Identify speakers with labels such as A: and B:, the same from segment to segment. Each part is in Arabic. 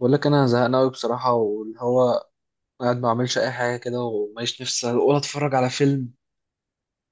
A: بقول لك انا زهقان قوي بصراحه واللي هو قاعد ما بعملش اي حاجه كده وماليش نفسي ولا اتفرج على فيلم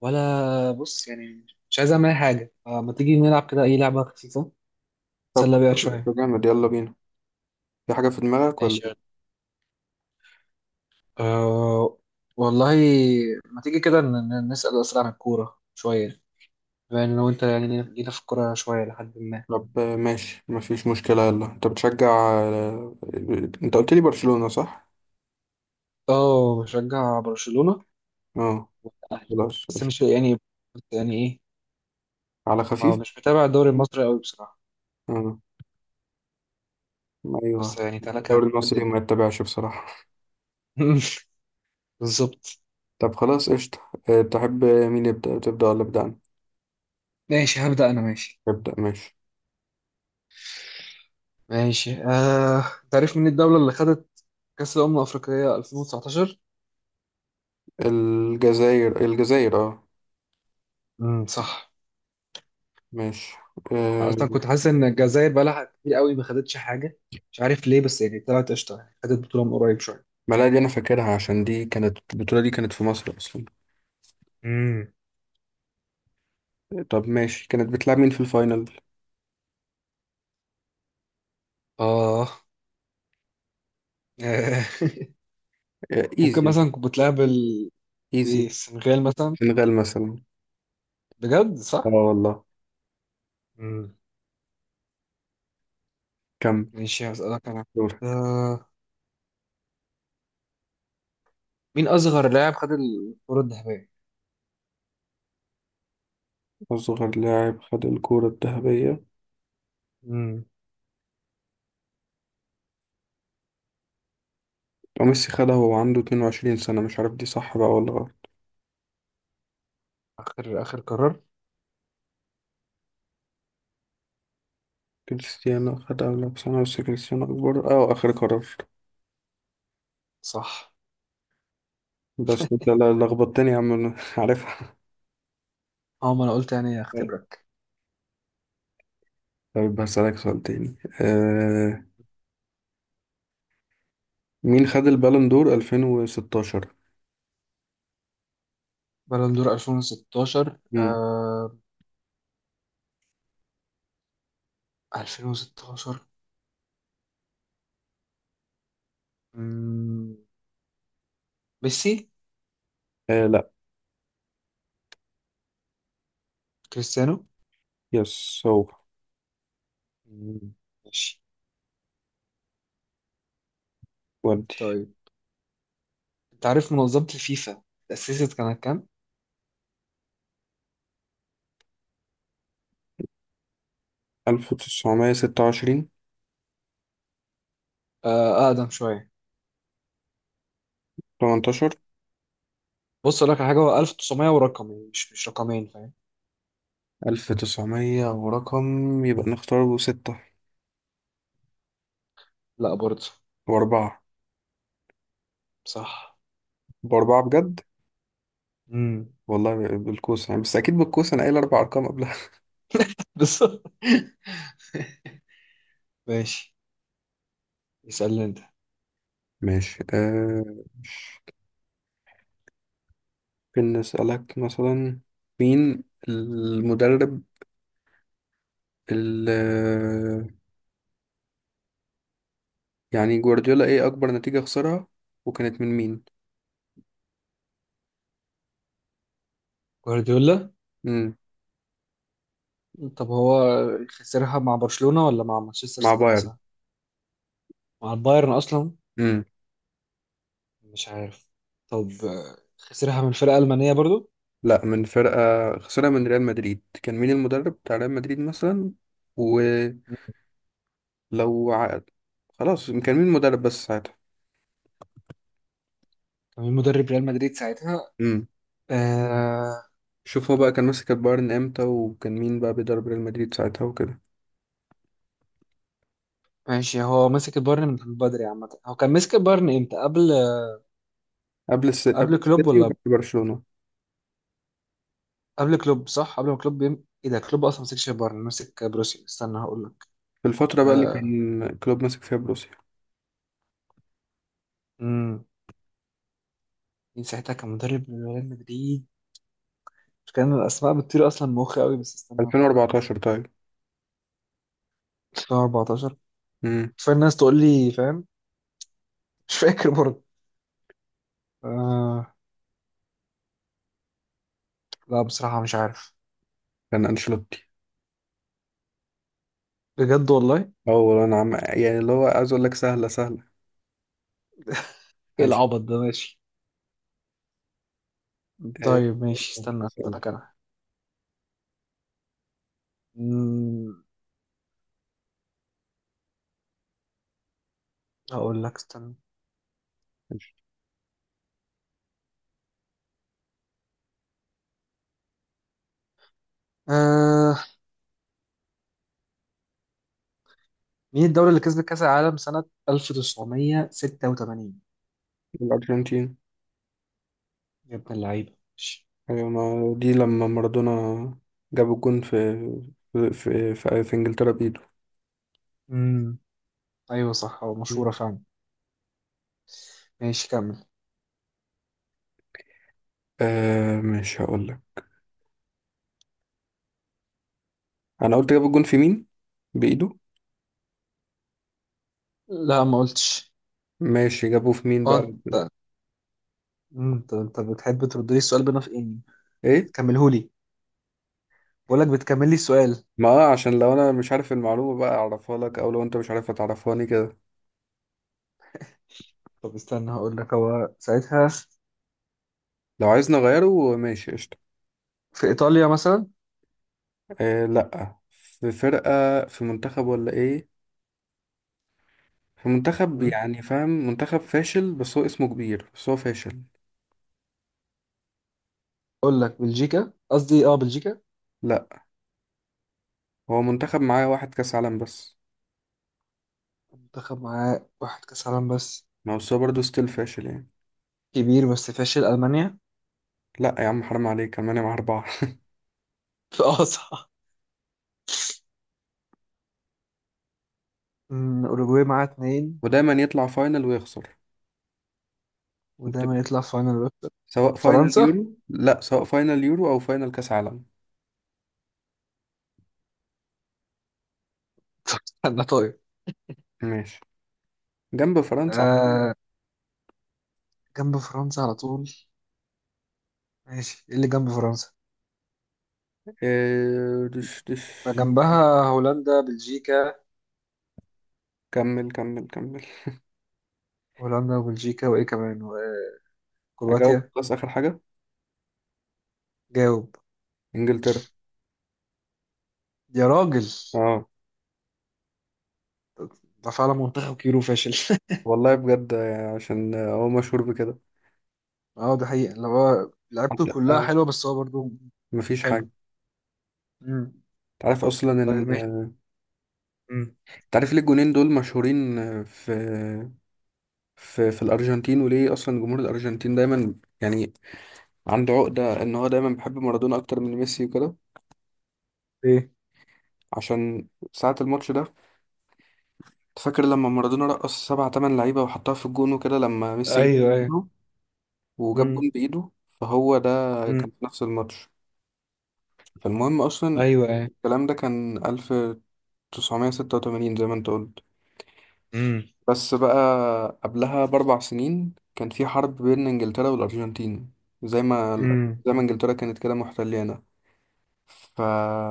A: ولا بص يعني مش عايز اعمل اي حاجه. فما تيجي نلعب كده اي لعبه خفيفه
B: طب
A: نتسلى بيها
B: خلاص، ده
A: شويه.
B: جامد يلا بينا. في حاجة في دماغك ولا؟
A: ماشي يلا. أه والله، ما تيجي كده نسال اسئله عن الكوره شويه، بما ان لو انت يعني جينا في الكوره شويه لحد ما.
B: طب ماشي مفيش مشكلة. يلا انت بتشجع آه، انت قلت لي برشلونة صح؟
A: اه بشجع برشلونه
B: اه
A: والأهلي،
B: خلاص
A: بس
B: قشطة.
A: مش يعني يعني ايه.
B: على
A: ما هو
B: خفيف؟
A: مش متابع الدوري المصري قوي بصراحه،
B: اه
A: بس
B: ايوه.
A: يعني تلاقيها
B: الدوري
A: في
B: المصري
A: الدنيا.
B: ما يتبعش بصراحة.
A: بالظبط.
B: طب خلاص قشطة. تحب مين يبدأ، تبدأ ولا أبدأ أنا؟
A: ماشي هبدأ أنا، ماشي
B: ابدأ ماشي.
A: ماشي آه. تعرف مين الدولة اللي خدت كأس الأمم الأفريقية 2019؟
B: الجزائر الجزائر اه.
A: صح.
B: ماشي
A: أنا
B: آه،
A: أصلا كنت حاسس إن الجزائر بقالها كتير قوي ما خدتش حاجة، مش عارف ليه، بس يعني طلعت قشطة، يعني خدت بطولة من قريب شوية.
B: ما لا دي أنا فاكرها عشان دي كانت البطولة، دي كانت في مصر أصلا.
A: امم
B: طب ماشي، كانت بتلعب مين في الفاينل؟
A: آه. ممكن
B: ايزي.
A: مثلا كنت بتلعب ال- إيه،
B: ايزي.
A: السنغال مثلا.
B: سنغال مثلا.
A: بجد
B: اه
A: صح؟
B: والله.
A: امم.
B: كم.
A: ماشي هسألك أنا
B: دور.
A: آه. مين أصغر لاعب خد الكرة الذهبية؟
B: أصغر لاعب خد الكرة الذهبية.
A: امم.
B: وميسي خدها وهو عنده 22 سنة، مش عارف دي صح بقى ولا غلط.
A: آخر قرار.
B: كريستيانو خدها ولا بسنة، بس كريستيانو أكبر. اه آخر قرار.
A: صح.
B: بس أنت لخبطتني يا عم أنا. عارفها.
A: اه ما أنا قلت يعني أختبرك.
B: طيب هسألك سؤال تاني. آه، مين خد البالون دور 2016؟
A: بالون دور 2016
B: مم.
A: آه. 2016 مم، ميسي.
B: آه لا.
A: كريستيانو.
B: يس هو.
A: مم. ماشي.
B: ودي.
A: طيب انت عارف منظمة الفيفا تأسست كانت كام؟
B: 1926.
A: آه أقدم شوية.
B: 18.
A: بص أقول لك على حاجة، هو 1900 ورقم، يعني مش رقمين، فاهم؟
B: 1900 ورقم، يبقى نختاره ستة
A: لا برضه.
B: وأربعة.
A: صح.
B: بأربعة بجد.
A: امم.
B: والله بالكوسة يعني، بس أكيد بالكوسة، أنا قايل أربع أرقام قبلها.
A: بس ماشي. اسألني أنت.
B: ماشي آه. مش- ممكن نسألك مثلا. مين المدرب اللي يعني جوارديولا إيه أكبر نتيجة خسرها، وكانت من مين؟
A: جوارديولا.
B: مم.
A: طب هو خسرها مع برشلونة ولا مع مانشستر
B: مع
A: سيتي
B: بايرن.
A: مثلا؟ مع البايرن أصلا؟
B: مم.
A: مش عارف. طب آه، خسرها من فرقة ألمانية برضو.
B: لا، من فرقة. خسرها من ريال مدريد. كان مين المدرب بتاع ريال مدريد مثلا؟ ولو عقد خلاص، كان مين المدرب بس ساعتها؟
A: كان مدرب ريال مدريد ساعتها
B: مم.
A: آه.
B: شوف، هو بقى كان ماسك البايرن امتى، وكان مين بقى بيدرب ريال مدريد ساعتها وكده.
A: ماشي. هو مسك البايرن من بدري عامة، هو كان مسك البايرن امتى؟ قبل
B: قبل
A: قبل كلوب
B: السيتي
A: ولا؟
B: وبعد برشلونة.
A: قبل كلوب صح، قبل ما كلوب يم... ايه ده كلوب اصلا مسكش البايرن، مسك بروسيا، استنى هقول لك.
B: في الفترة بقى اللي
A: آه
B: كان كلوب ماسك فيها بروسيا.
A: امم. مين ساعتها كان مدرب ريال مدريد؟ كان الاسماء بتطير اصلا من مخي قوي، بس استنى افكر.
B: 2014 طيب.
A: 2014.
B: امم.
A: كفايه الناس تقول لي فاهم. مش فاكر برضه آه. لا بصراحة مش عارف.
B: كان انشيلوتي.
A: بجد والله.
B: اه والله انا عم يعني اللي هو عايز اقول لك سهلة سهلة.
A: ايه
B: أنش...
A: العبط ده، ماشي.
B: آه،
A: طيب ماشي، استنى اسألك انا. مم، هقول لك، استنى
B: أنش-
A: آه. مين الدولة اللي كسبت كأس العالم سنة 1986؟
B: الارجنتين.
A: يا ابن اللعيبة، ماشي.
B: ايوه، ما دي لما مارادونا جاب الجون في انجلترا بايده.
A: امم ايوه صح، هو مشهورة
B: مم.
A: فعلا. ماشي كمل.
B: آه مش هقول لك. انا قلت جاب الجون في مين بايده.
A: لا ما قلتش.
B: ماشي، جابوه في مين
A: اه
B: بقى؟
A: انت مم، انت بتحب ترد لي السؤال بنفقني،
B: ايه،
A: تكملهولي، بقول لك بتكمل لي السؤال.
B: ما عشان لو انا مش عارف المعلومة بقى اعرفها لك، او لو انت مش عارفها تعرفهاني كده.
A: طب استنى هقول لك، هو ساعتها
B: لو عايز نغيره ماشي قشطة.
A: في ايطاليا مثلا؟
B: إيه لا، في فرقة. في منتخب، ولا ايه؟ في منتخب،
A: مم.
B: يعني فاهم، منتخب فاشل بس هو اسمه كبير، بس هو فاشل.
A: اقول لك بلجيكا، قصدي اه بلجيكا.
B: لا، هو منتخب معاه واحد كاس عالم بس.
A: منتخب معاه واحد كأس عالم بس،
B: ما هو بس هو برضه ستيل فاشل يعني.
A: كبير بس فاشل. ألمانيا.
B: لا يا عم حرام عليك، المانيا معاه 4.
A: اه صح. أمم، أوروجواي معاه اتنين،
B: ودايما يطلع فاينل ويخسر.
A: ودايما
B: بتبقى.
A: يطلع في فاينل بس.
B: سواء فاينل
A: فرنسا.
B: يورو، لا، سواء فاينل يورو او فاينل كاس عالم.
A: استنى طيب
B: ماشي، جنب فرنسا.
A: آه، جنب فرنسا على طول؟ ماشي. ايه اللي جنب فرنسا؟
B: إيه دش دش.
A: فجنبها هولندا بلجيكا،
B: كمل كمل كمل.
A: هولندا وبلجيكا وايه كمان،
B: أجاوب
A: وكرواتيا.
B: خلاص آخر حاجة.
A: جاوب.
B: إنجلترا.
A: يا راجل،
B: اه
A: ده فعلا منتخب كبير وفاشل.
B: والله بجد. عشان هو مشهور بكده.
A: اه ده حقيقة، اللي هو لعبته
B: حتى
A: كلها حلوة، بس هو برضه
B: مفيش
A: حلو.
B: حاجة.
A: مم.
B: تعرف أصلا إن
A: طيب ماشي. مم.
B: تعرف ليه الجونين دول مشهورين في الأرجنتين، وليه أصلا جمهور الأرجنتين دايما يعني عنده عقدة إن هو دايما بيحب مارادونا أكتر من ميسي وكده.
A: ايه
B: عشان ساعة الماتش ده، فاكر لما مارادونا رقص سبعة تمن لعيبة وحطها في الجون وكده، لما ميسي
A: ايوه ايوه
B: جاب، وجاب جون
A: امم
B: بإيده. فهو ده
A: امم
B: كان في نفس الماتش. فالمهم أصلا،
A: ايوه ايوه
B: الكلام ده كان 1986، زي ما أنت قلت.
A: امم
B: بس بقى، قبلها بـ4 سنين كان في حرب بين إنجلترا والأرجنتين. زي ما
A: امم.
B: زي ما إنجلترا كانت كده محتليانا. ف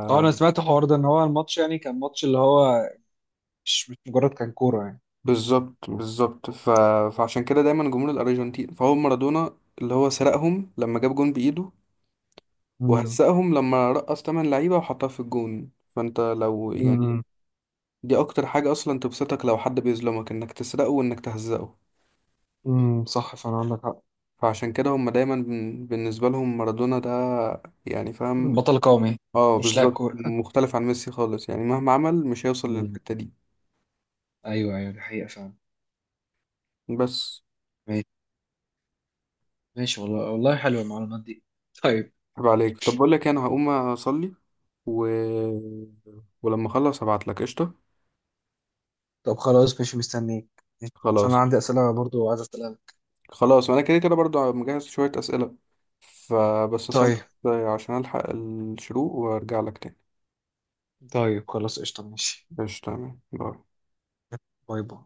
A: اه انا سمعت الحوار ده، ان هو الماتش يعني كان ماتش اللي هو مش مجرد كان كوره يعني.
B: بالظبط بالظبط. فعشان كده دايما جمهور الأرجنتين، فهو مارادونا اللي هو سرقهم لما جاب جون بإيده،
A: امم
B: وهزقهم لما رقص تمن لعيبة وحطها في الجون. فانت لو يعني،
A: امم.
B: دي اكتر حاجة اصلا تبسطك، لو حد بيظلمك انك تسرقه وانك تهزقه.
A: صح فعلا، عندك حق.
B: فعشان كده هم دايما بالنسبة لهم مارادونا ده يعني، فاهم؟
A: بطل قومي.
B: اه
A: مش لاعب
B: بالظبط،
A: كوره.
B: مختلف عن ميسي خالص يعني، مهما عمل مش هيوصل
A: امم
B: للحتة دي.
A: ايوه ايوه، دي حقيقه فعلا.
B: بس.
A: ماشي ماشي، والله والله حلوه المعلومات دي. طيب.
B: عيب عليك، طب بقول لك إيه، انا هقوم اصلي و... ولما اخلص هبعت لك قشطة.
A: طب خلاص ماشي مستنيك، عشان انا
B: خلاص.
A: عندي اسئله برضو عايز اسالها لك.
B: خلاص انا كده كده برضو مجهز شوية اسئلة، فبس اصلي
A: طيب.
B: عشان الحق الشروق وارجع لك تاني.
A: طيب خلاص قشطه ماشي.
B: قشطة تمام باي.
A: باي باي.